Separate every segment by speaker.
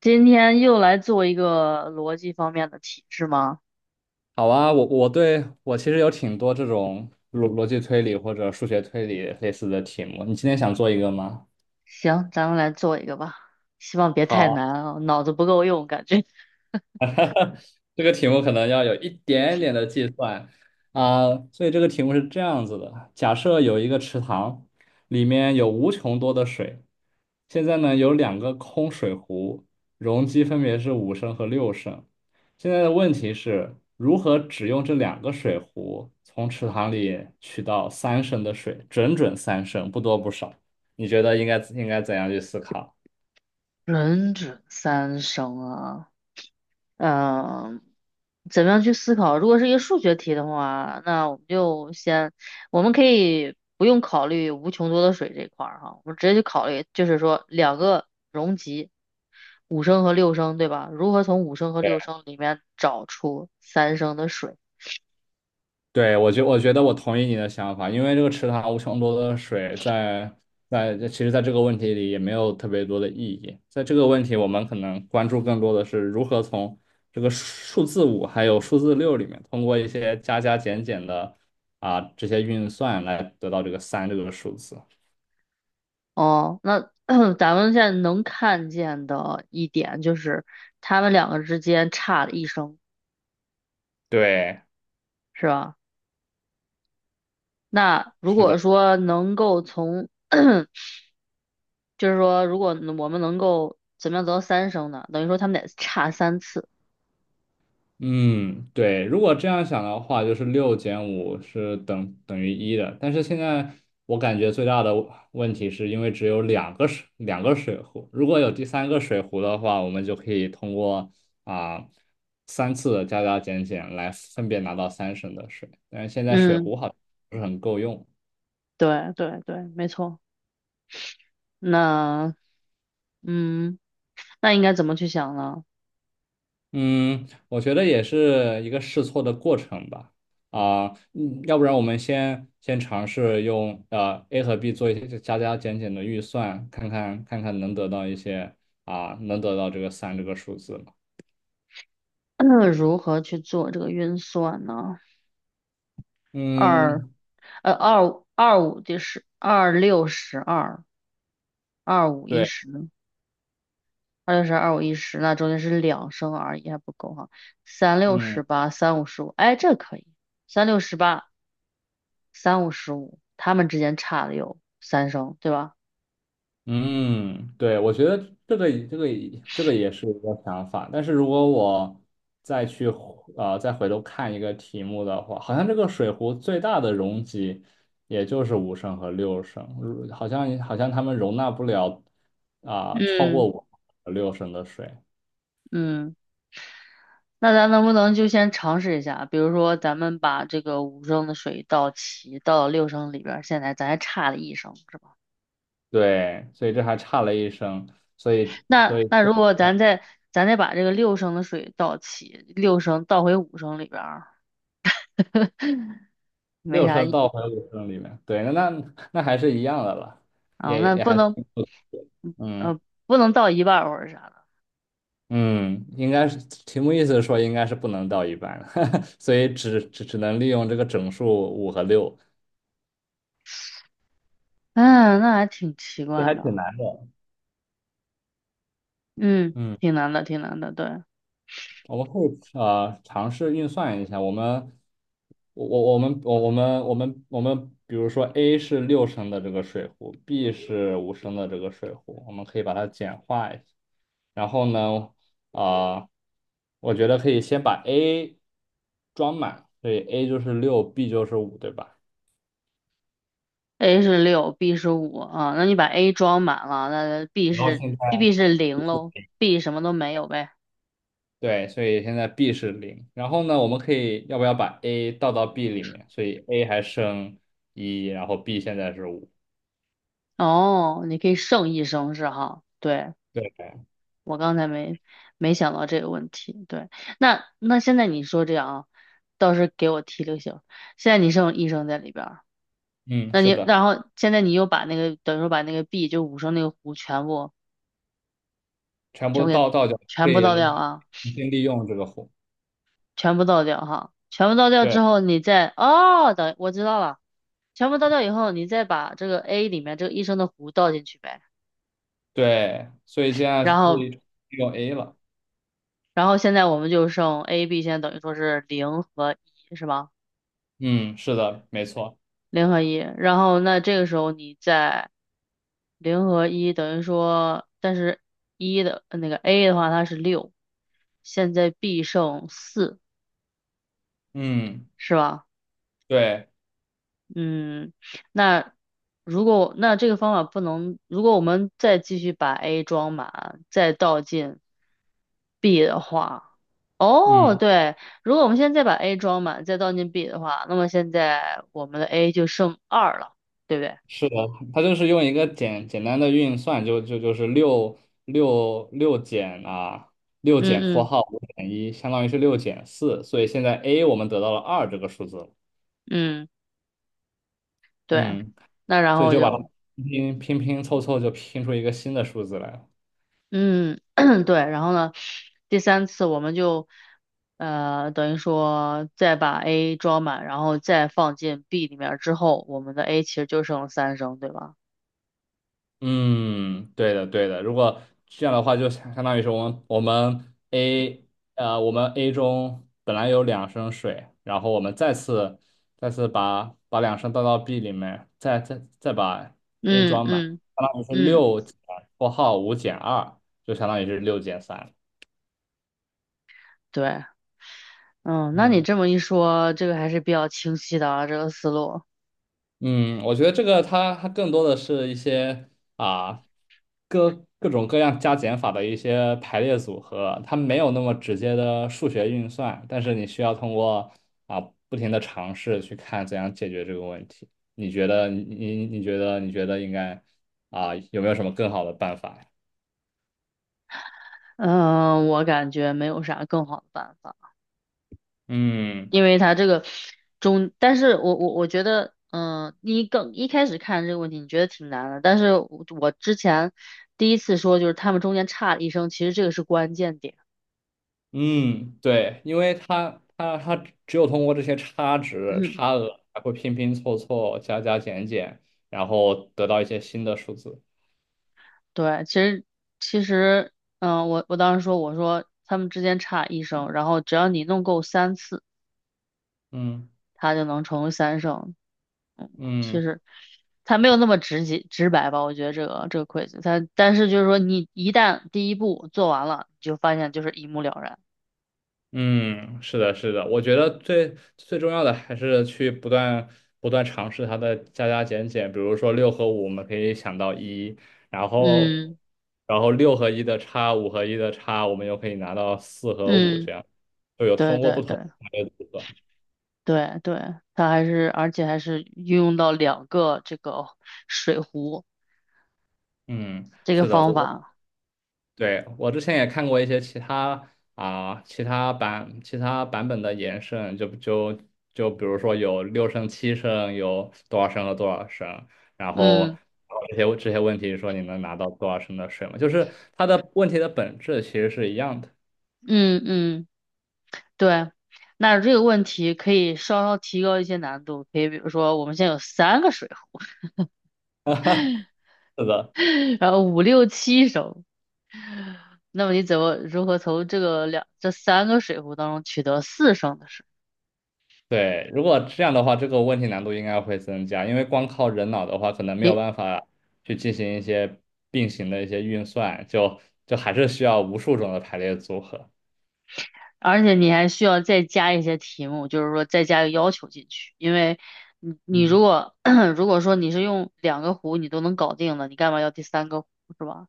Speaker 1: 今天又来做一个逻辑方面的题，是吗？
Speaker 2: 好啊，我对我其实有挺多这种逻辑推理或者数学推理类似的题目，你今天想做一个吗？
Speaker 1: 行，咱们来做一个吧，希望别太
Speaker 2: 好。
Speaker 1: 难啊，脑子不够用，感觉。
Speaker 2: 这个题目可能要有一点点的计算啊，所以这个题目是这样子的：假设有一个池塘，里面有无穷多的水，现在呢有两个空水壶，容积分别是五升和六升。现在的问题是如何只用这两个水壶从池塘里取到三升的水，整整三升，不多不少。你觉得应该怎样去思考？
Speaker 1: 人准三生啊，嗯，怎么样去思考？如果是一个数学题的话，那我们就先，我们可以不用考虑无穷多的水这一块儿哈，我们直接去考虑，就是说两个容积，五升和六升，对吧？如何从五升和六升里面找出三升的水？
Speaker 2: 对，我觉得我同意你的想法，因为这个池塘无穷多的水其实在这个问题里也没有特别多的意义。在这个问题，我们可能关注更多的是如何从这个数字五还有数字六里面，通过一些加加减减的这些运算来得到这个三这个数字。
Speaker 1: 哦，那 咱们现在能看见的一点就是他们两个之间差了一声，
Speaker 2: 对，
Speaker 1: 是吧？那如
Speaker 2: 是的。
Speaker 1: 果说能够从，就是说如果我们能够怎么样得到三声呢？等于说他们得差三次。
Speaker 2: 嗯，对，如果这样想的话，就是六减五是等于一的。但是现在我感觉最大的问题是因为只有两个水壶，如果有第三个水壶的话，我们就可以通过啊、3次的加加减减来分别拿到三升的水。但是现在水
Speaker 1: 嗯，
Speaker 2: 壶好像不是很够用。
Speaker 1: 对对对，没错。那嗯，那应该怎么去想呢？
Speaker 2: 嗯，我觉得也是一个试错的过程吧。啊、要不然我们先尝试用A 和 B 做一些加加减减的预算，看看能得到一些,能得到这个三这个数字吗？
Speaker 1: 如何去做这个运算呢？二
Speaker 2: 嗯，
Speaker 1: 二五二五第十二六十二。二五一
Speaker 2: 对，
Speaker 1: 十，二六十二五一十，那中间是两升而已，还不够哈。三六
Speaker 2: 嗯。
Speaker 1: 十八，三五十五，哎，这可以。三六十八，三五十五，他们之间差了有三升，对吧？
Speaker 2: 嗯，对，我觉得这个这个这个也是一个想法，但是如果我再去再回头看一个题目的话，好像这个水壶最大的容积也就是五升和六升，如好像好像他们容纳不了超过
Speaker 1: 嗯
Speaker 2: 五和六升的水，
Speaker 1: 嗯，那咱能不能就先尝试一下？比如说，咱们把这个五升的水倒齐，倒到六升里边儿，现在咱还差了一升，是吧？
Speaker 2: 对，所以这还差了1升，所以所
Speaker 1: 那
Speaker 2: 以
Speaker 1: 那如果咱再咱再把这个六升的水倒齐，六升倒回五升里边儿，没
Speaker 2: 六
Speaker 1: 啥
Speaker 2: 升
Speaker 1: 意
Speaker 2: 倒回五升里面，对，那还是一样的了，
Speaker 1: 啊，
Speaker 2: 也
Speaker 1: 那
Speaker 2: 也
Speaker 1: 不
Speaker 2: 还是
Speaker 1: 能
Speaker 2: 嗯。
Speaker 1: 呃不能到一半儿或者啥的，
Speaker 2: 嗯，应该是题目意思是说应该是不能到一半，所以只能利用这个整数五和六，
Speaker 1: 嗯，那还挺奇
Speaker 2: 这
Speaker 1: 怪
Speaker 2: 还
Speaker 1: 的，
Speaker 2: 挺难的。
Speaker 1: 嗯，
Speaker 2: 嗯，
Speaker 1: 挺难的，挺难的，对
Speaker 2: 我们可以尝试运算一下，我们，比如说 A 是六升的这个水壶，B 是五升的这个水壶，我们可以把它简化一下。然后呢，啊、我觉得可以先把 A 装满，所以 A 就是六，B 就是五，对吧？
Speaker 1: ，A 是六，B 是五啊，那你把 A 装满了，那 B
Speaker 2: 然后
Speaker 1: 是
Speaker 2: 现
Speaker 1: B 是零喽，B 什么都没有呗，
Speaker 2: 对，所以现在 B 是零。然后呢，我们可以要不要把 A 倒到 B 里面？所以 A 还剩一，然后 B 现在是五。
Speaker 1: 哦，你可以剩一升是哈，对，
Speaker 2: 对，
Speaker 1: 我刚才没想到这个问题，对，那现在你说这样啊，倒是给我提了行，现在你剩一升在里边儿。
Speaker 2: 嗯，
Speaker 1: 那你，
Speaker 2: 是的，
Speaker 1: 然后现在你又把那个，等于说把那个 B 就五升那个壶
Speaker 2: 全部
Speaker 1: 全部给
Speaker 2: 倒倒掉，可
Speaker 1: 全部
Speaker 2: 以
Speaker 1: 倒掉啊，
Speaker 2: 重新利用这个弧。
Speaker 1: 全部倒掉哈，全部倒掉之
Speaker 2: 对
Speaker 1: 后，你再哦，等我知道了，全部倒掉以后，你再把这个 A 里面这个一升的壶倒进去呗，
Speaker 2: 对，所以现在
Speaker 1: 然
Speaker 2: 可
Speaker 1: 后
Speaker 2: 以利用 A 了。
Speaker 1: 然后现在我们就剩 A、B，现在等于说是零和一是吧？
Speaker 2: 嗯，是的，没错。
Speaker 1: 零和一，然后那这个时候你再零和一等于说，但是一的那个 A 的话它是六，现在 B 剩四
Speaker 2: 嗯，
Speaker 1: 是吧？
Speaker 2: 对，
Speaker 1: 嗯，那如果那这个方法不能，如果我们再继续把 A 装满，再倒进 B 的话，哦，
Speaker 2: 嗯。
Speaker 1: 对，如果我们现在再把 A 装满，再倒进 B 的话，那么现在我们的 A 就剩二了，对不对？
Speaker 2: 是的，它就是用一个简单的运算，就是六减,六
Speaker 1: 嗯
Speaker 2: 减括
Speaker 1: 嗯
Speaker 2: 号五减一，相当于是六减四，所以现在 a 我们得到了二这个数字了，
Speaker 1: 嗯，对，
Speaker 2: 嗯，
Speaker 1: 那然
Speaker 2: 所以
Speaker 1: 后
Speaker 2: 就把它
Speaker 1: 就。
Speaker 2: 拼拼凑凑就拼出一个新的数字来了。
Speaker 1: 嗯，对，然后呢，第三次我们就，呃，等于说再把 A 装满，然后再放进 B 里面儿之后，我们的 A 其实就剩了三升，对吧？
Speaker 2: 嗯，对的，对的。如果这样的话，就相当于是我们 A ,我们 A 中本来有2升水，然后我们再次把两升倒到 B 里面，再把 A
Speaker 1: 嗯
Speaker 2: 装满，
Speaker 1: 嗯
Speaker 2: 相当于是
Speaker 1: 嗯，
Speaker 2: 六减括号五减二，就相当于是六减三。
Speaker 1: 对，嗯，那你
Speaker 2: 嗯
Speaker 1: 这么一说，这个还是比较清晰的啊，这个思路。
Speaker 2: 嗯，我觉得这个它更多的是一些啊各种各样加减法的一些排列组合，它没有那么直接的数学运算，但是你需要通过啊不停的尝试去看怎样解决这个问题。你觉得应该有没有什么更好的办法呀？
Speaker 1: 嗯、我感觉没有啥更好的办法。
Speaker 2: 嗯。
Speaker 1: 因为它这个中，但是我觉得，嗯、你更一开始看这个问题，你觉得挺难的，但是我之前第一次说就是他们中间差了一声，其实这个是关键点。
Speaker 2: 嗯，对，因为它只有通过这些差值、
Speaker 1: 嗯
Speaker 2: 差额，才会拼拼凑凑、加加减减，然后得到一些新的数字。
Speaker 1: 对，其实，嗯、我当时说我说他们之间差一声，然后只要你弄够三次，
Speaker 2: 嗯
Speaker 1: 它就能成为三声。嗯，
Speaker 2: 嗯
Speaker 1: 其实它没有那么直接直白吧，我觉得这个 quiz，它但是就是说你一旦第一步做完了，你就发现就是一目了然。
Speaker 2: 嗯，是的，是的，我觉得最最重要的还是去不断不断尝试它的加加减减，比如说六和五，我们可以想到一，然后
Speaker 1: 嗯
Speaker 2: 然后六和一的差，五和一的差，我们又可以拿到四和五，
Speaker 1: 嗯，
Speaker 2: 这样就有
Speaker 1: 对
Speaker 2: 通过
Speaker 1: 对
Speaker 2: 不同
Speaker 1: 对
Speaker 2: 的组合。
Speaker 1: 对，它还是而且还是运用到两个这个水壶
Speaker 2: 嗯，
Speaker 1: 这个
Speaker 2: 是的，我
Speaker 1: 方
Speaker 2: 我
Speaker 1: 法，
Speaker 2: 对，我之前也看过一些其他版本的延伸，就比如说有六升、7升，有多少升和多少升，然后
Speaker 1: 嗯
Speaker 2: 这些问题说你能拿到多少升的水吗？就是它的问题的本质其实是一样的。
Speaker 1: 嗯，对。那这个问题可以稍稍提高一些难度，可以比如说我们现在有三个水壶，
Speaker 2: 是的。
Speaker 1: 然后五六七升，那么你怎么如何从这个两这三个水壶当中取得四升的水？
Speaker 2: 对，如果这样的话，这个问题难度应该会增加，因为光靠人脑的话，可能没有
Speaker 1: 你
Speaker 2: 办法去进行一些并行的一些运算，就还是需要无数种的排列组合。
Speaker 1: 而且你还需要再加一些题目，就是说再加个要求进去，因为你如
Speaker 2: 嗯
Speaker 1: 果 如果说你是用两个弧你都能搞定了，你干嘛要第三个弧是吧？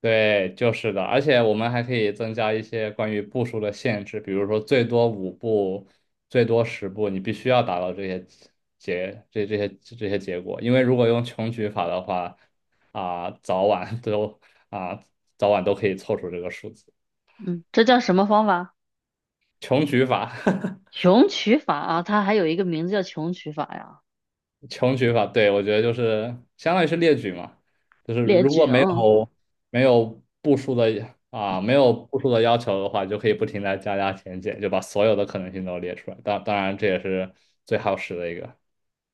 Speaker 2: 对，就是的，而且我们还可以增加一些关于步数的限制，比如说最多5步，最多10步，你必须要达到结这这些这些结果，因为如果用穷举法的话，啊、早晚都啊、早晚都可以凑出这个数字，
Speaker 1: 嗯，这叫什么方法？
Speaker 2: 穷举法。
Speaker 1: 穷举法啊，它还有一个名字叫穷举法呀，
Speaker 2: 穷举法，对，我觉得就是相当于是列举嘛，就是
Speaker 1: 列
Speaker 2: 如果
Speaker 1: 举
Speaker 2: 没
Speaker 1: 啊，嗯
Speaker 2: 有没有步数的啊，没有步数的要求的话，就可以不停的加加减减，就把所有的可能性都列出来。当然，这也是最耗时的一个。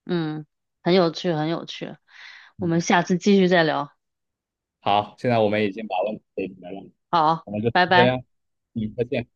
Speaker 1: 嗯，很有趣，很有趣，我们
Speaker 2: 嗯，
Speaker 1: 下次继续再聊，
Speaker 2: 好，现在我们已经把问题解决了，
Speaker 1: 好，
Speaker 2: 我们就
Speaker 1: 拜
Speaker 2: 这
Speaker 1: 拜。
Speaker 2: 样，嗯，再见。